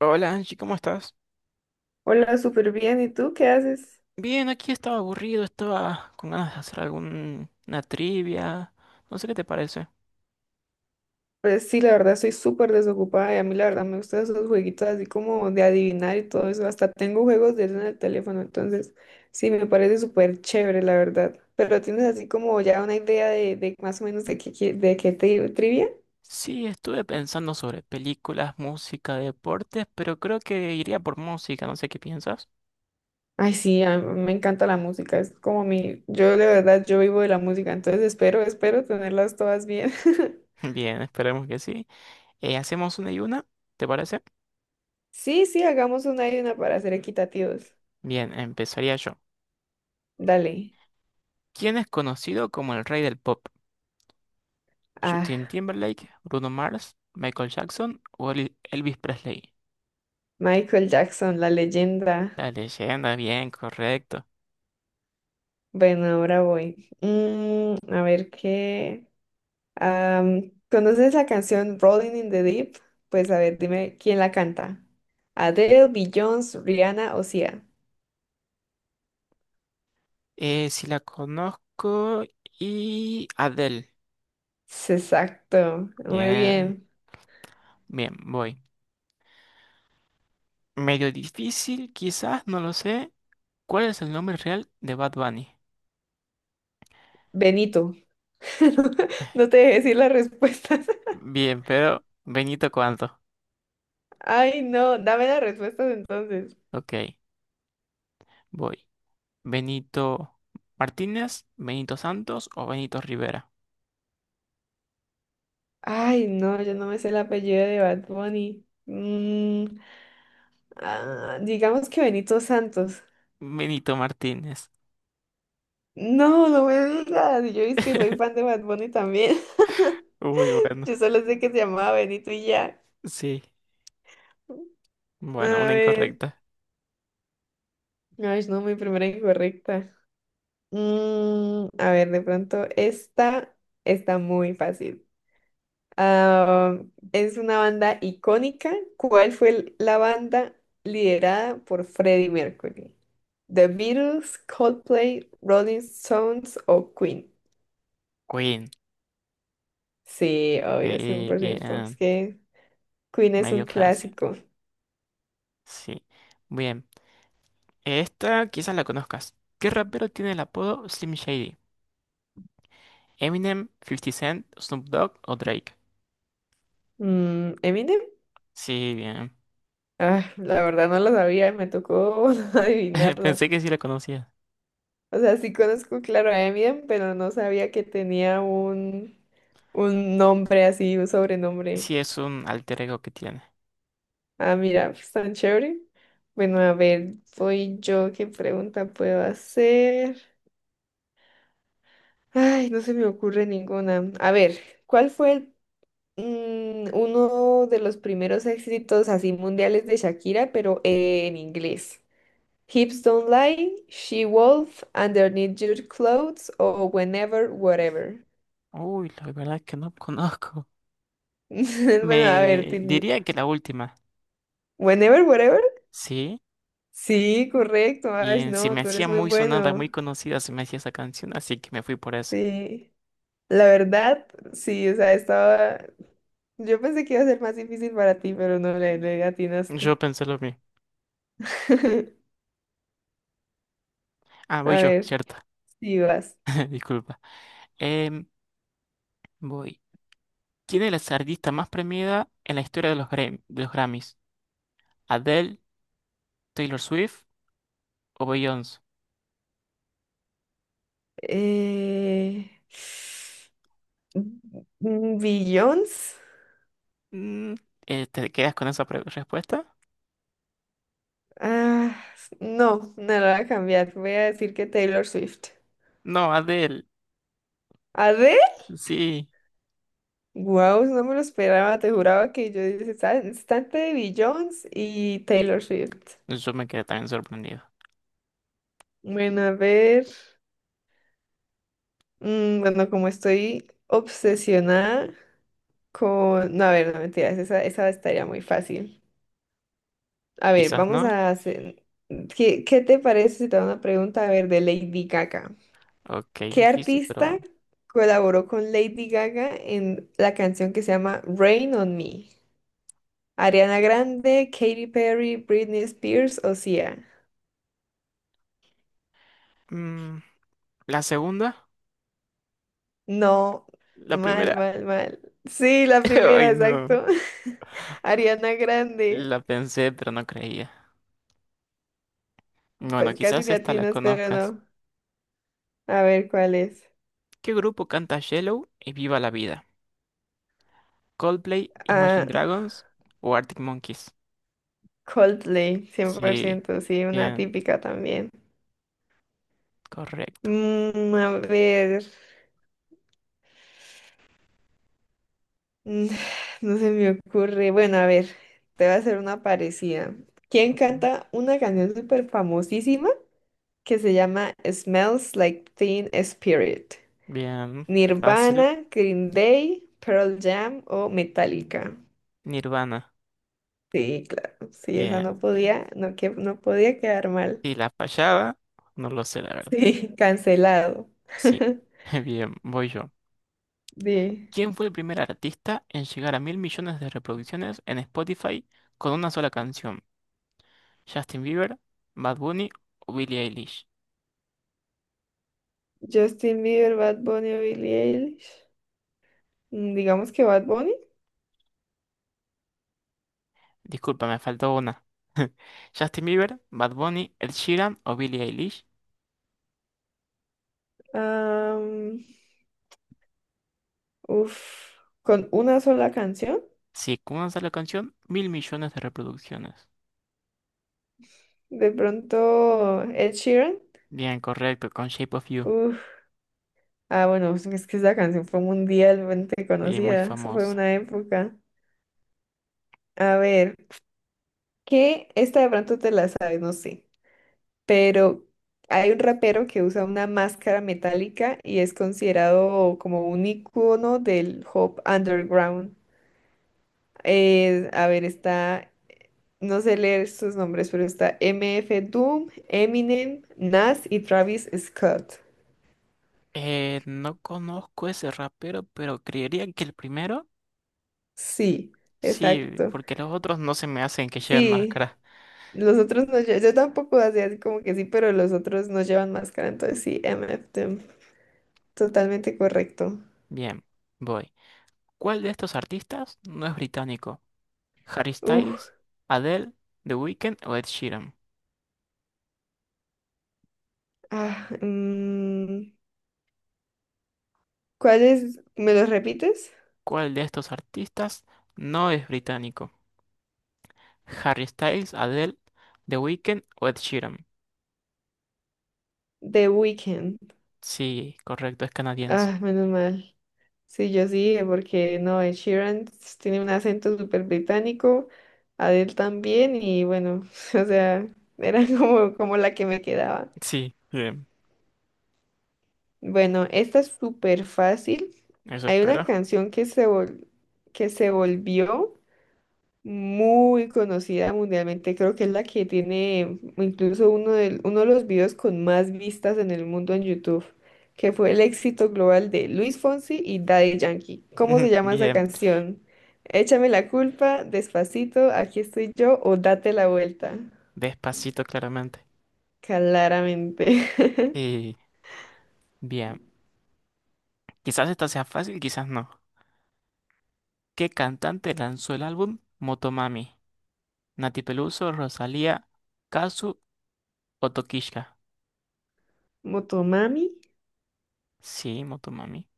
Hola Angie, ¿cómo estás? Hola, súper bien. ¿Y tú qué haces? Bien, aquí estaba aburrido, estaba con ganas de hacer alguna trivia. No sé qué te parece. Pues sí, la verdad estoy súper desocupada y a mí la verdad me gustan esos jueguitos así como de adivinar y todo eso. Hasta tengo juegos de eso en el teléfono, entonces sí, me parece súper chévere, la verdad. Pero tienes así como ya una idea de más o menos de qué, de qué te trivia. Sí, estuve pensando sobre películas, música, deportes, pero creo que iría por música, no sé qué piensas. Ay, sí, a mí me encanta la música, es como mi, yo de verdad, yo vivo de la música, entonces espero tenerlas todas bien. Bien, esperemos que sí. Hacemos una y una, ¿te parece? Sí, sí, hagamos una y una para ser equitativos. Bien, empezaría yo. Dale. ¿Quién es conocido como el rey del pop? ¿Justin Ah. Timberlake, Bruno Mars, Michael Jackson o Elvis Presley? Michael Jackson, la leyenda. La leyenda, bien, correcto. Bueno, ahora voy. Mm, a ver qué. Am, ¿Conoces la canción Rolling in the Deep? Pues a ver, dime quién la canta. Adele, Beyoncé, Rihanna o Sia. Si la conozco y Adele. Es Exacto, muy Ya. bien. Bien, voy. Medio difícil, quizás, no lo sé. ¿Cuál es el nombre real de Bad Bunny? Benito. No te dejé decir las respuestas. Bien, pero Benito, ¿cuánto? Ay, no, dame las respuestas entonces. Ok, voy. ¿Benito Martínez, Benito Santos o Benito Rivera? Ay, no, yo no me sé el apellido de Bad Bunny. Digamos que Benito Santos. Benito Martínez. No, no me digas. Yo es que soy fan de Bad Bunny también. Uy, bueno. Yo solo sé que se llamaba Benito y ya. Sí. A Bueno, una ver. incorrecta. Ay, no, mi primera incorrecta. Mm, a ver, de pronto esta está muy fácil. Ah, es una banda icónica. ¿Cuál fue la banda liderada por Freddie Mercury? ¿The Beatles, Coldplay, Rolling Stones o Queen? Queen. Sí, obvio, Sí, 100%. Es bien. que Queen es un Medio fácil. clásico. Sí. Bien. Esta quizás la conozcas. ¿Qué rapero tiene el apodo Slim Shady? ¿Eminem, Fifty Cent, Snoop Dogg o Drake? Mm, Eminem, Sí, bien. La verdad no lo sabía, me tocó adivinarla. Pensé que sí la conocía. O sea, sí conozco, claro, a Eminem, pero no sabía que tenía un nombre así, un Sí, sobrenombre. es un alter ego que tiene. Ah, mira, pues, tan chévere. Bueno, a ver, soy yo, ¿qué pregunta puedo hacer? Ay, no se me ocurre ninguna. A ver, ¿cuál fue uno de los primeros éxitos así mundiales de Shakira, pero en inglés? Hips don't lie, she wolf, underneath your clothes, o whenever, whatever. Uy, la verdad es que no conozco. Bueno, a ver, Me diría que la última. whenever, whatever. Sí, Sí, correcto, Ash, bien, se no, me tú eres hacía muy muy sonada, muy bueno. conocida, se me hacía esa canción, así que me fui por esa. Sí, la verdad, sí, o sea, estaba. Yo pensé que iba a ser más difícil para ti, pero no le atinaste. Yo pensé lo mismo. Ah, voy A yo, ver, cierto. sí vas. Disculpa. Em, Voy. ¿Quién es la artista más premiada en la historia de los, de los Grammys? ¿Adele, Taylor Swift o Beyoncé? Eh... Billions. Mm, ¿Te quedas con esa respuesta? Ah, no, no lo voy a cambiar. Voy a decir que Taylor Swift. No, Adele. ¿Arre? Sí, Wow, no me lo esperaba. Te juraba que yo dije, Está entre de Jones y Taylor Swift". yo me quedé también sorprendido. Bueno, a ver. Bueno, como estoy obsesionada con. No, a ver, no mentiras. Esa estaría muy fácil. A ver, Quizás vamos no. a hacer. Qué te parece si te hago una pregunta, a ver, de Lady Gaga? Ok, ¿Qué difícil, pero artista vamos. colaboró con Lady Gaga en la canción que se llama Rain on Me? Ariana Grande, Katy Perry, Britney Spears o Sia. Mm, ¿la segunda? No, ¿La mal, primera? mal, mal. Sí, la Ay, primera, no. exacto. Ariana Grande. La pensé, pero no creía. Bueno, Pues casi quizás te esta la atinas, pero conozcas. no. A ver cuál es. ¿Qué grupo canta Yellow y Viva la Vida? ¿Coldplay, Imagine Ah, Dragons o Arctic Monkeys? Coldplay, cien por Sí, ciento, sí, una bien, típica también. correcto. Mm, a ver. Mm, No se me ocurre. Bueno, a ver, te voy a hacer una parecida. ¿Quién Ok. canta una canción súper famosísima que se llama Smells Like Teen Spirit? Bien, fácil. ¿Nirvana, Green Day, Pearl Jam o Metallica? Nirvana. Sí, claro. Sí, esa no Bien. podía, no, que, no podía quedar mal. Si la fallaba, no lo sé, la verdad. Sí, cancelado. Sí. Bien, voy yo. Sí. ¿Quién fue el primer artista en llegar a mil millones de reproducciones en Spotify con una sola canción? ¿Justin Bieber, Bad Bunny o Billie Eilish? Justin Bieber, Bad Bunny o Billie Eilish. Digamos que Bad Bunny. Disculpa, me faltó una. ¿Justin Bieber, Bad Bunny, Ed Sheeran o Billie Eilish? Uf, con una sola canción, Sí, con una sola canción, mil millones de reproducciones. de pronto Ed Sheeran. Bien, correcto, con Shape of You. Uf, bueno, es que esa canción fue mundialmente Sí, muy conocida, eso fue famosa. una época. A ver, que esta de pronto te la sabes, no sé, pero hay un rapero que usa una máscara metálica y es considerado como un icono del hop underground. A ver, está no sé leer sus nombres, pero está M F Doom, Eminem, Nas y Travis Scott. No conozco ese rapero, pero creería que el primero. Sí, Sí, exacto. porque los otros no se me hacen que lleven Sí, máscara. los otros no Yo tampoco hacía así como que sí, pero los otros no llevan máscara, entonces sí, MF them. Totalmente correcto. Bien, voy. ¿Cuál de estos artistas no es británico? ¿Harry Uf, Styles, Adele, The Weeknd o Ed Sheeran? ah, mm, ¿cuáles? ¿Me los repites? ¿Cuál de estos artistas no es británico? ¿Harry Styles, Adele, The Weeknd o Ed Sheeran? The Weeknd. Sí, correcto, es canadiense. Ah, menos mal. Sí, yo sí, dije, porque no, Ed Sheeran tiene un acento súper británico, Adele también, y bueno, o sea, era como, como la que me quedaba. Sí, bien, Bueno, esta es súper fácil. eso Hay una espero. canción que se que se volvió muy conocida mundialmente. Creo que es la que tiene incluso uno de los videos con más vistas en el mundo en YouTube, que fue el éxito global de Luis Fonsi y Daddy Yankee. ¿Cómo se llama esa Bien, canción? Échame la culpa, Despacito, Aquí estoy yo o Date la vuelta. despacito claramente. Claramente. Y bien, quizás esta sea fácil, quizás no. ¿Qué cantante lanzó el álbum Motomami? Nati Peluso, Rosalía, Kazu o Tokishka. Motomami, Sí, Motomami.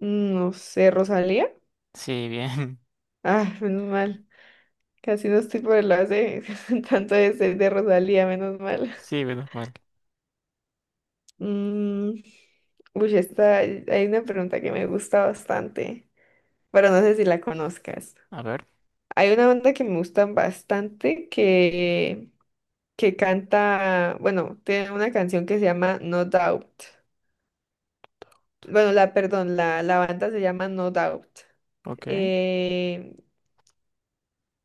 no sé, Rosalía. Sí, bien. Ah, menos mal. Casi no estoy por el lado de tanto de Rosalía, menos mal. Sí, menos mal. Mm, Hay una pregunta que me gusta bastante, pero no sé si la conozcas. A ver, Hay una banda que me gustan bastante que canta, bueno, tiene una canción que se llama No Doubt. Bueno, la banda se llama No Doubt. ok. Eh,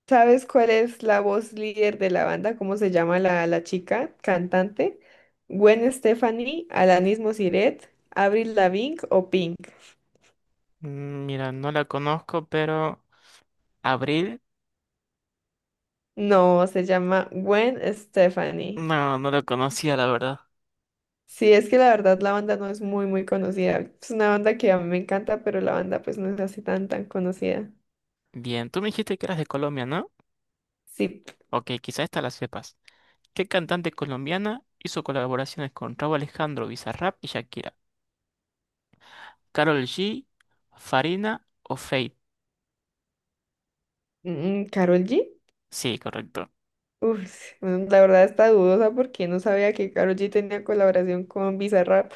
¿Sabes cuál es la voz líder de la banda? ¿Cómo se llama la chica cantante? ¿Gwen Stefani, Alanis Mosiret, Avril Lavigne o Pink? Mm, mira, no la conozco, pero... Abril, No, se llama Gwen Stefani. no, no la conocía, la verdad. Sí, es que la verdad la banda no es muy, muy conocida. Es una banda que a mí me encanta, pero la banda pues no es así tan, tan conocida. Bien, tú me dijiste que eras de Colombia, ¿no? Sí, Ok, quizá esta la sepas. ¿Qué cantante colombiana hizo colaboraciones con Rauw Alejandro, Bizarrap y Shakira? ¿Karol G, Farina o Fate? ¿Karol G? Sí, correcto. Uf, bueno, la verdad está dudosa porque no sabía que Karol G tenía colaboración con Bizarrap.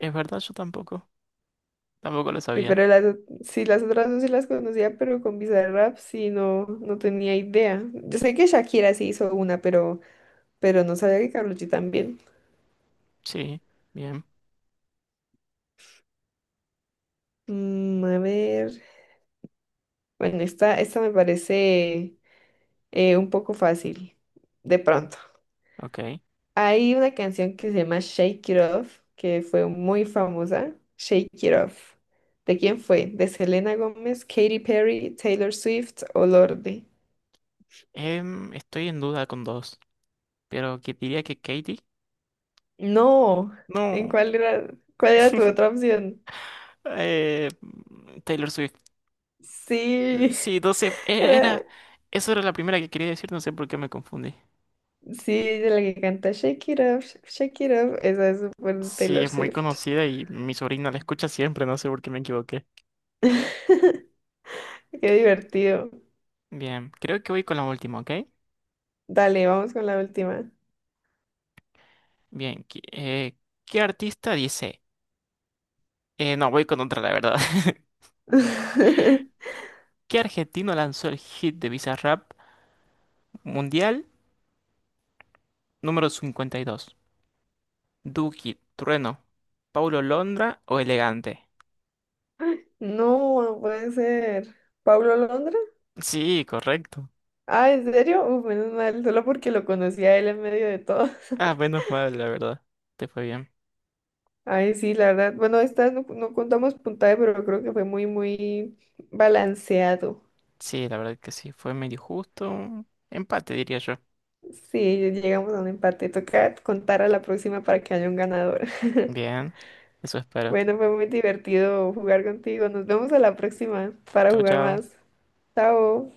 Es verdad, yo tampoco. Tampoco lo Sí, sabía. pero sí, las otras dos sí las conocía, pero con Bizarrap sí no, no tenía idea. Yo sé que Shakira sí hizo pero no sabía que Karol G también. Sí, bien, Mm, a ver, bueno, esta me parece un poco fácil, de pronto. ok. Hay una canción que se llama Shake It Off, que fue muy famosa. Shake It Off. ¿De quién fue? ¿De Selena Gómez, Katy Perry, Taylor Swift o Lorde? Em, estoy en duda con dos, pero que diría que Katie. No, ¿en No, cuál cuál era tu otra opción? eh, Taylor Swift. Sí, Sí, no sé, era, era, eso era la primera que quería decir, no sé por qué me confundí. sí, ella es la que canta Shake It Up, Shake It Up, esa es súper de Sí, Taylor es muy Swift. conocida y mi sobrina la escucha siempre, no sé por qué me equivoqué. Qué divertido. Bien, creo que voy con la última, ¿ok? Dale, vamos con la última. Bien, ¿qué artista dice? No, voy con otra, la verdad. ¿Qué argentino lanzó el hit de Bizarrap Mundial número 52? Duki, Trueno, Paulo Londra o Elegante. No, no puede ser. ¿Pablo Londra? Sí, correcto. Ah, ¿en serio? Uf, menos mal, solo porque lo conocí a él en medio de todo. Ah, menos mal, la verdad. Te fue bien. Ay, sí, la verdad. Bueno, esta no, no contamos puntaje, pero creo que fue muy, muy balanceado. Sí, la verdad que sí, fue medio justo. Empate, diría yo. Sí, llegamos a un empate. Toca contar a la próxima para que haya un ganador. Bien, eso espero. Bueno, fue muy divertido jugar contigo. Nos vemos a la próxima para Chao, jugar chao. más. Chao.